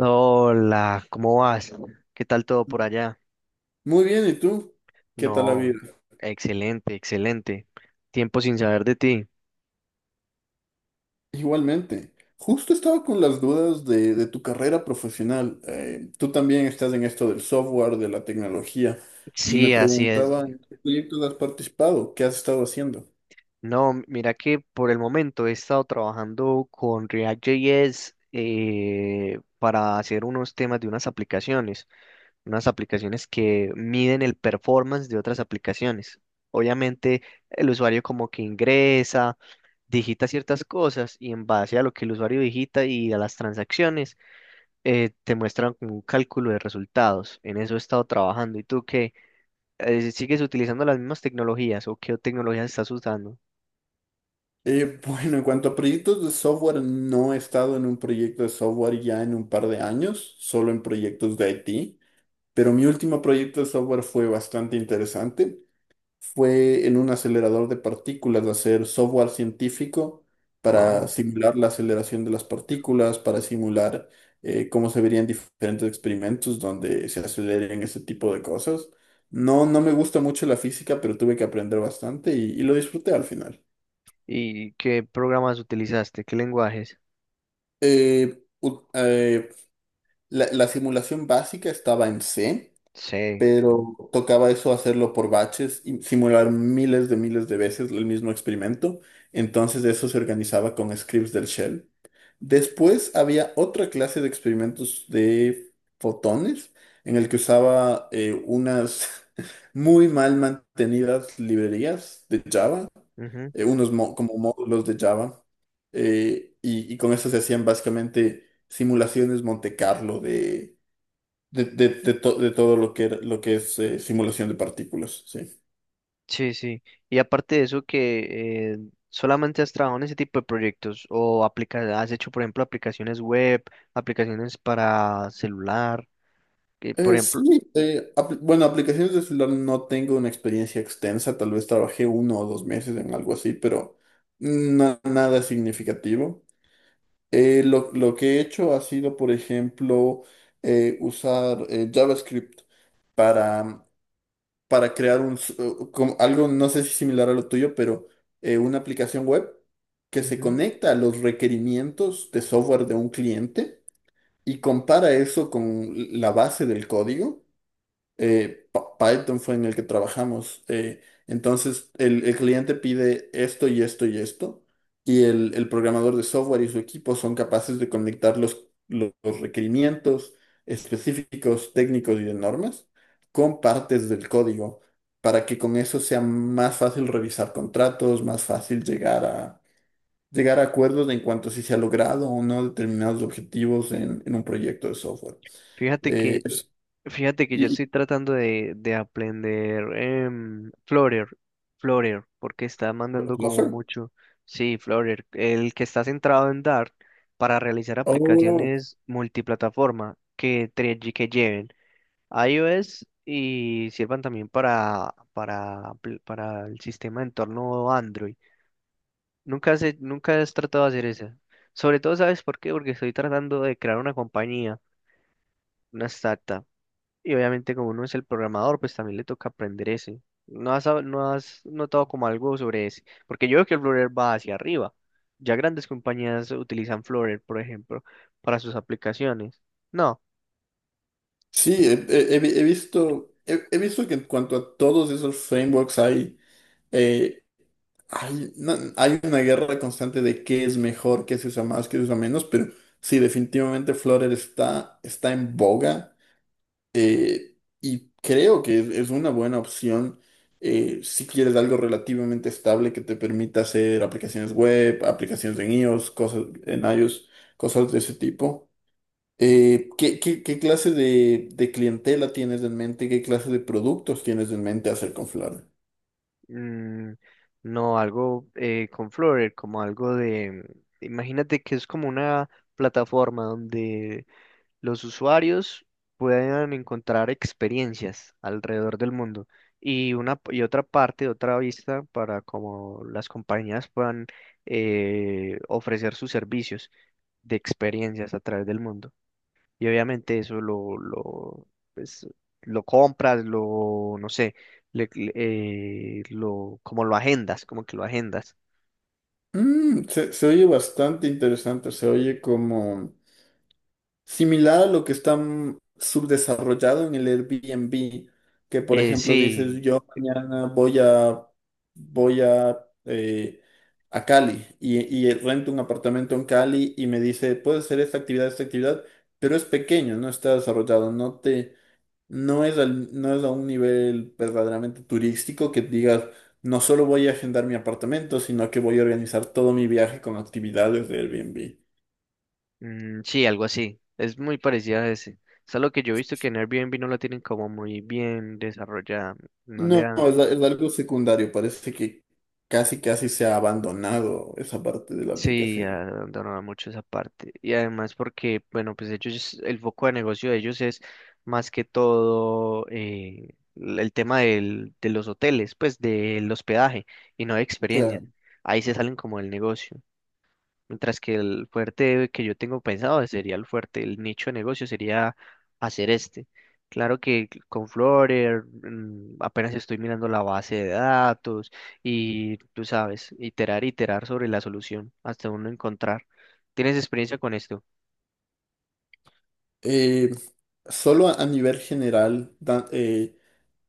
Hola, ¿cómo vas? ¿Qué tal todo por allá? Muy bien, ¿y tú? ¿Qué tal la vida? No, excelente, excelente. Tiempo sin saber de ti. Igualmente. Justo estaba con las dudas de tu carrera profesional. Tú también estás en esto del software, de la tecnología, y me Sí, así es. preguntaba en qué proyectos has participado, qué has estado haciendo. No, mira que por el momento he estado trabajando con React.js para hacer unos temas de unas aplicaciones que miden el performance de otras aplicaciones. Obviamente, el usuario como que ingresa digita ciertas cosas y en base a lo que el usuario digita y a las transacciones, te muestran como un cálculo de resultados. En eso he estado trabajando. ¿Y tú qué? Si ¿sigues utilizando las mismas tecnologías o qué tecnologías estás usando? Bueno, en cuanto a proyectos de software, no he estado en un proyecto de software ya en un par de años, solo en proyectos de IT, pero mi último proyecto de software fue bastante interesante. Fue en un acelerador de partículas hacer software científico para Wow. simular la aceleración de las partículas, para simular cómo se verían diferentes experimentos donde se aceleren ese tipo de cosas. No, no me gusta mucho la física, pero tuve que aprender bastante y lo disfruté al final. ¿Y qué programas utilizaste? ¿Qué lenguajes? Eh, ut- eh, la simulación básica estaba en C. Sí. Pero tocaba eso hacerlo por baches y simular miles de veces el mismo experimento. Entonces eso se organizaba con scripts del shell. Después había otra clase de experimentos de fotones en el que usaba unas muy mal mantenidas librerías de Java, ujú. Unos como módulos de Java, y con eso se hacían básicamente simulaciones Monte Carlo de todo lo que, lo que es simulación de partículas, sí. Sí, sí. Y aparte de eso, que solamente has trabajado en ese tipo de proyectos o aplica has hecho, por ejemplo, aplicaciones web, aplicaciones para celular, que por ejemplo, Sí, bueno, aplicaciones de celular no tengo una experiencia extensa, tal vez trabajé uno o dos meses en algo así, pero nada significativo. Lo que he hecho ha sido, por ejemplo, usar JavaScript para crear un, como algo, no sé si similar a lo tuyo, pero una aplicación web que se ujú. conecta a los requerimientos de software de un cliente y compara eso con la base del código. Python fue en el que trabajamos. Entonces, el cliente pide esto y esto y esto, y el programador de software y su equipo son capaces de conectar los requerimientos específicos, técnicos y de normas con partes del código, para que con eso sea más fácil revisar contratos, más fácil llegar llegar a acuerdos en cuanto a si se ha logrado o no determinados objetivos en un proyecto de software. Fíjate Eh, que es- fíjate que yo y, y- estoy tratando de aprender Flutter, Flutter, porque está mandando ¿Lo como hace? mucho. Sí, Flutter, el que está centrado en Dart para realizar Oh, aplicaciones multiplataforma que, que lleven iOS y sirvan también para el sistema de entorno Android. Nunca has tratado de hacer eso. Sobre todo, ¿sabes por qué? Porque estoy tratando de crear una compañía, una startup. Y obviamente como uno es el programador, pues también le toca aprender ese. ¿No has notado como algo sobre ese? Porque yo veo que el Flutter va hacia arriba. Ya grandes compañías utilizan Flutter, por ejemplo, para sus aplicaciones. No, sí, he, he- he vi- he visto, he, he visto que en cuanto a todos esos frameworks hay, eh, hay, no- hay una guerra constante de qué es mejor, qué se usa más, qué se usa menos, pero sí, definitivamente Flutter está en boga. eh, y creo que es una buena opción, si quieres algo relativamente estable que te permita hacer aplicaciones web, aplicaciones en iOS, cosas de ese tipo. ¿Qué clase de clientela tienes en mente? ¿Qué clase de productos tienes en mente hacer con Flavia? mm, no algo con Flutter, como algo de... Imagínate que es como una plataforma donde los usuarios puedan encontrar experiencias alrededor del mundo y una y otra parte, otra vista para como las compañías puedan ofrecer sus servicios de experiencias a través del mundo. Y obviamente eso pues, lo compras, lo, no sé, lo, como lo agendas, como que lo agendas. Se oye bastante interesante, se oye como similar a lo que está subdesarrollado en el Airbnb, que por ejemplo dices, sí. yo mañana voy eh, a Cali y rento un apartamento en Cali y me dice, puedes hacer esta actividad, pero es pequeño, no está desarrollado, no te. No es, no es a un nivel verdaderamente turístico que digas, no solo voy a agendar mi apartamento, sino que voy a organizar todo mi viaje con actividades de Airbnb. Mm, sí, algo así. Es muy parecida a ese. Es algo que yo he visto que en Airbnb no la tienen como muy bien desarrollada. No le No, dan. Es algo secundario, parece que casi casi se ha abandonado esa parte de la Sí, aplicación. abandonaron mucho esa parte. Y además porque, bueno, pues ellos, el foco de negocio de ellos es más que todo el tema de los hoteles, pues del hospedaje y no de experiencias. Claro. Ahí se salen como del negocio. Mientras que el fuerte que yo tengo pensado sería el fuerte, el nicho de negocio sería hacer este. Claro que con Flutter mm, apenas estoy mirando la base de datos y tú sabes, iterar, iterar sobre la solución hasta uno encontrar. ¿Tienes experiencia con esto? Eh, Solo a nivel general,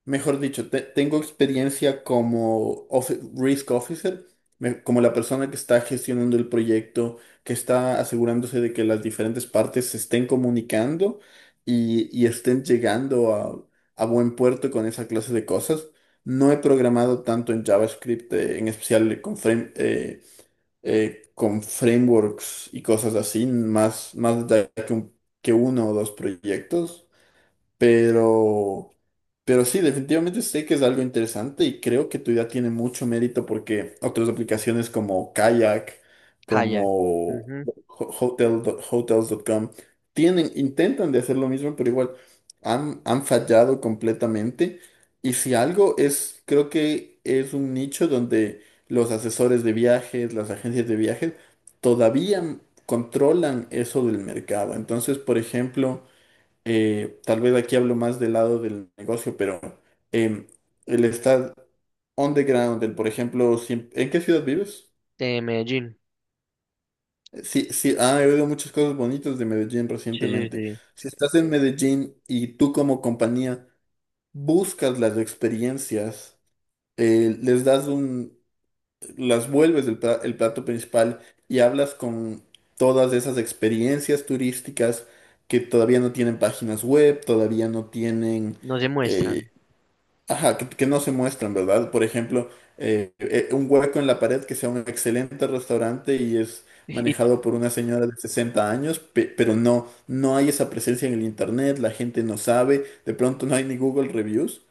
mejor dicho, tengo experiencia como risk officer, como la persona que está gestionando el proyecto, que está asegurándose de que las diferentes partes se estén comunicando y estén llegando a buen puerto con esa clase de cosas. No he programado tanto en JavaScript, en especial con frameworks y cosas así, más, más que uno o dos proyectos. Pero, pero sí, definitivamente sé que es algo interesante y creo que tu idea tiene mucho mérito porque otras aplicaciones como Kayak, Kayak. como Ujú. Hotel, hotels.com, tienen, intentan de hacer lo mismo, pero igual han fallado completamente. Y si algo es, creo que es un nicho donde los asesores de viajes, las agencias de viajes, todavía controlan eso del mercado. Entonces, por ejemplo, tal vez aquí hablo más del lado del negocio, pero em, el estar on the ground, por ejemplo, ¿en qué ciudad vives? De Medellín. Sí, sí, ah, he oído muchas cosas bonitas de Medellín Sí, sí, recientemente. sí. Si estás en Medellín y tú como compañía buscas las experiencias, eh, les das un, las vuelves el plato principal y hablas con todas esas experiencias turísticas que todavía no tienen páginas web, todavía no tienen. No se eh, muestran. Ajá, que no se muestran, ¿verdad? Por ejemplo, un hueco en la pared que sea un excelente restaurante y es Y, manejado por una señora de 60 años, pero no, no hay esa presencia en el internet, la gente no sabe, de pronto no hay ni Google Reviews.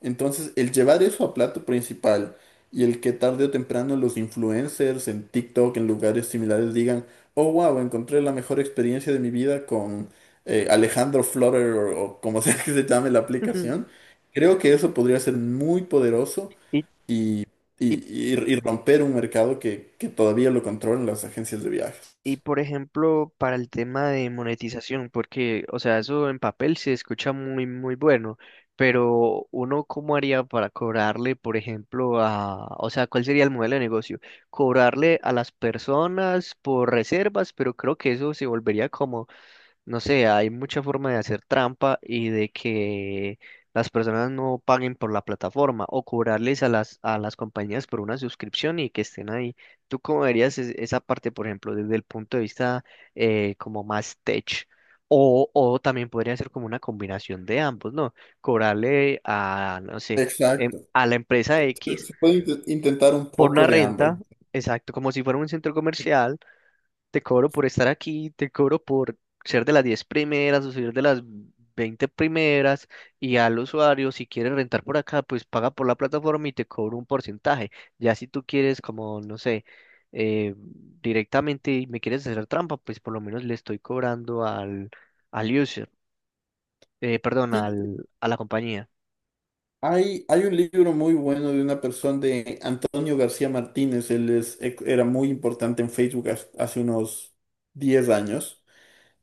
Entonces, el llevar eso a plato principal y el que tarde o temprano los influencers en TikTok, en lugares similares, digan, oh, wow, encontré la mejor experiencia de mi vida con Alejandro Florer o como sea que se llame la aplicación. Creo que eso podría ser muy poderoso y, y, y romper un mercado que todavía lo controlan las agencias de viajes. Y por ejemplo, para el tema de monetización, porque, o sea, eso en papel se escucha muy, muy bueno, pero uno, ¿cómo haría para cobrarle, por ejemplo, a, o sea, cuál sería el modelo de negocio? Cobrarle a las personas por reservas, pero creo que eso se volvería como no sé, hay mucha forma de hacer trampa y de que las personas no paguen por la plataforma o cobrarles a las compañías por una suscripción y que estén ahí. ¿Tú cómo verías es- esa parte, por ejemplo, desde el punto de vista como más tech? O también podría ser como una combinación de ambos, ¿no? Cobrarle a, no sé, Exacto. a la empresa Se, X se puede intentar un por una poco de ambas. renta, exacto, como si fuera un centro comercial te cobro por estar aquí, te cobro por ser de las 10 primeras o ser de las 20 primeras y al usuario, si quieres rentar por acá, pues paga por la plataforma y te cobro un porcentaje. Ya si tú quieres como, no sé, eh, directamente y me quieres hacer trampa, pues por lo menos le estoy cobrando al, al user, perdón, Sí, al, a la compañía. hay un libro muy bueno de una persona de Antonio García Martínez. Él era muy importante en Facebook hace unos 10 años.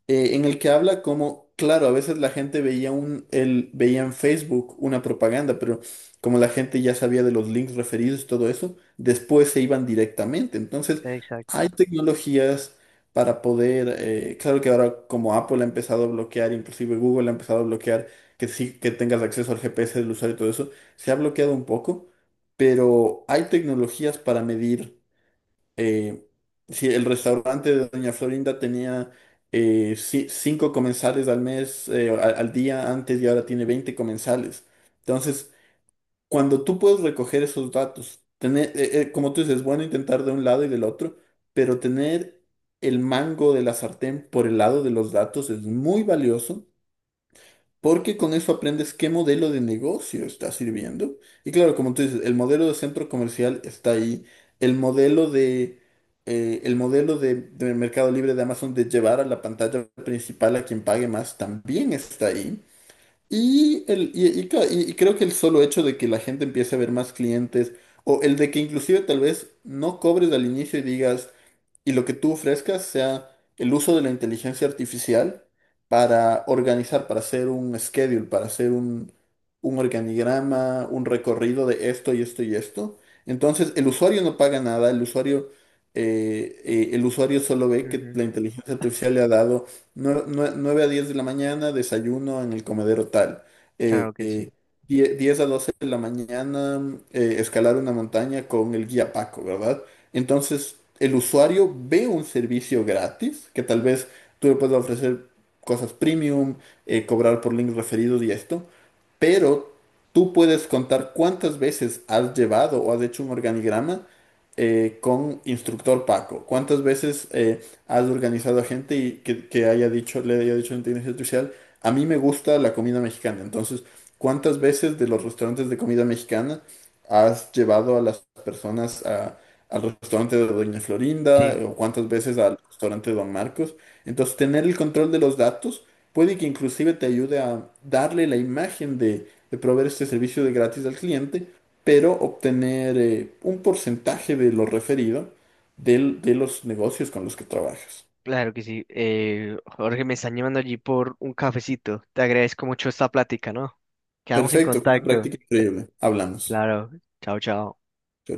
En el que habla como, claro, a veces la gente veía en Facebook una propaganda, pero como la gente ya sabía de los links referidos y todo eso, después se iban directamente. Entonces, hay Exacto. tecnologías para poder, claro que ahora como Apple ha empezado a bloquear, inclusive Google ha empezado a bloquear que sí que tengas acceso al GPS del usuario y todo eso, se ha bloqueado un poco, pero hay tecnologías para medir. eh, sí, el restaurante de Doña Florinda tenía cinco comensales al mes, al día antes y ahora tiene 20 comensales. Entonces, cuando tú puedes recoger esos datos, tener, como tú dices, es bueno intentar de un lado y del otro, pero tener el mango de la sartén por el lado de los datos es muy valioso porque con eso aprendes qué modelo de negocio está sirviendo. Y claro, como tú dices, el modelo de centro comercial está ahí. El modelo de, el modelo de Mercado Libre de Amazon de llevar a la pantalla principal a quien pague más también está ahí. Y, el, y ca- y creo que el solo hecho de que la gente empiece a ver más clientes o el de que inclusive tal vez no cobres al inicio y digas y lo que tú ofrezcas sea el uso de la inteligencia artificial para organizar, para hacer un schedule, para hacer un, organigrama, un recorrido de esto y esto y esto. Entonces, el usuario no paga nada, el usuario solo ve que Ujú. la inteligencia artificial le ha dado 9 a 10 de la mañana, desayuno en el comedero tal. Eh, Claro que sí. eh, 10 a 12 de la mañana, escalar una montaña con el guía Paco, ¿verdad? Entonces, el usuario ve un servicio gratis, que tal vez tú le puedas ofrecer cosas premium, cobrar por links referidos y esto, pero tú puedes contar cuántas veces has llevado o has hecho un organigrama con instructor Paco, cuántas veces has organizado a gente y que haya dicho, le haya dicho a la inteligencia artificial, a mí me gusta la comida mexicana, entonces, ¿cuántas veces de los restaurantes de comida mexicana has llevado a las personas a al restaurante de Doña Florinda Sí. o cuántas veces al restaurante de Don Marcos? Entonces, tener el control de los datos puede que inclusive te ayude a darle la imagen de proveer este servicio de gratis al cliente, pero obtener un porcentaje de lo referido de los negocios con los que trabajas. Claro que sí. Jorge, me están llamando allí por un cafecito. Te agradezco mucho esta plática, ¿no? Quedamos en Perfecto, fue una contacto. práctica increíble. Hablamos. Claro. Chao, chao. Chao, chao.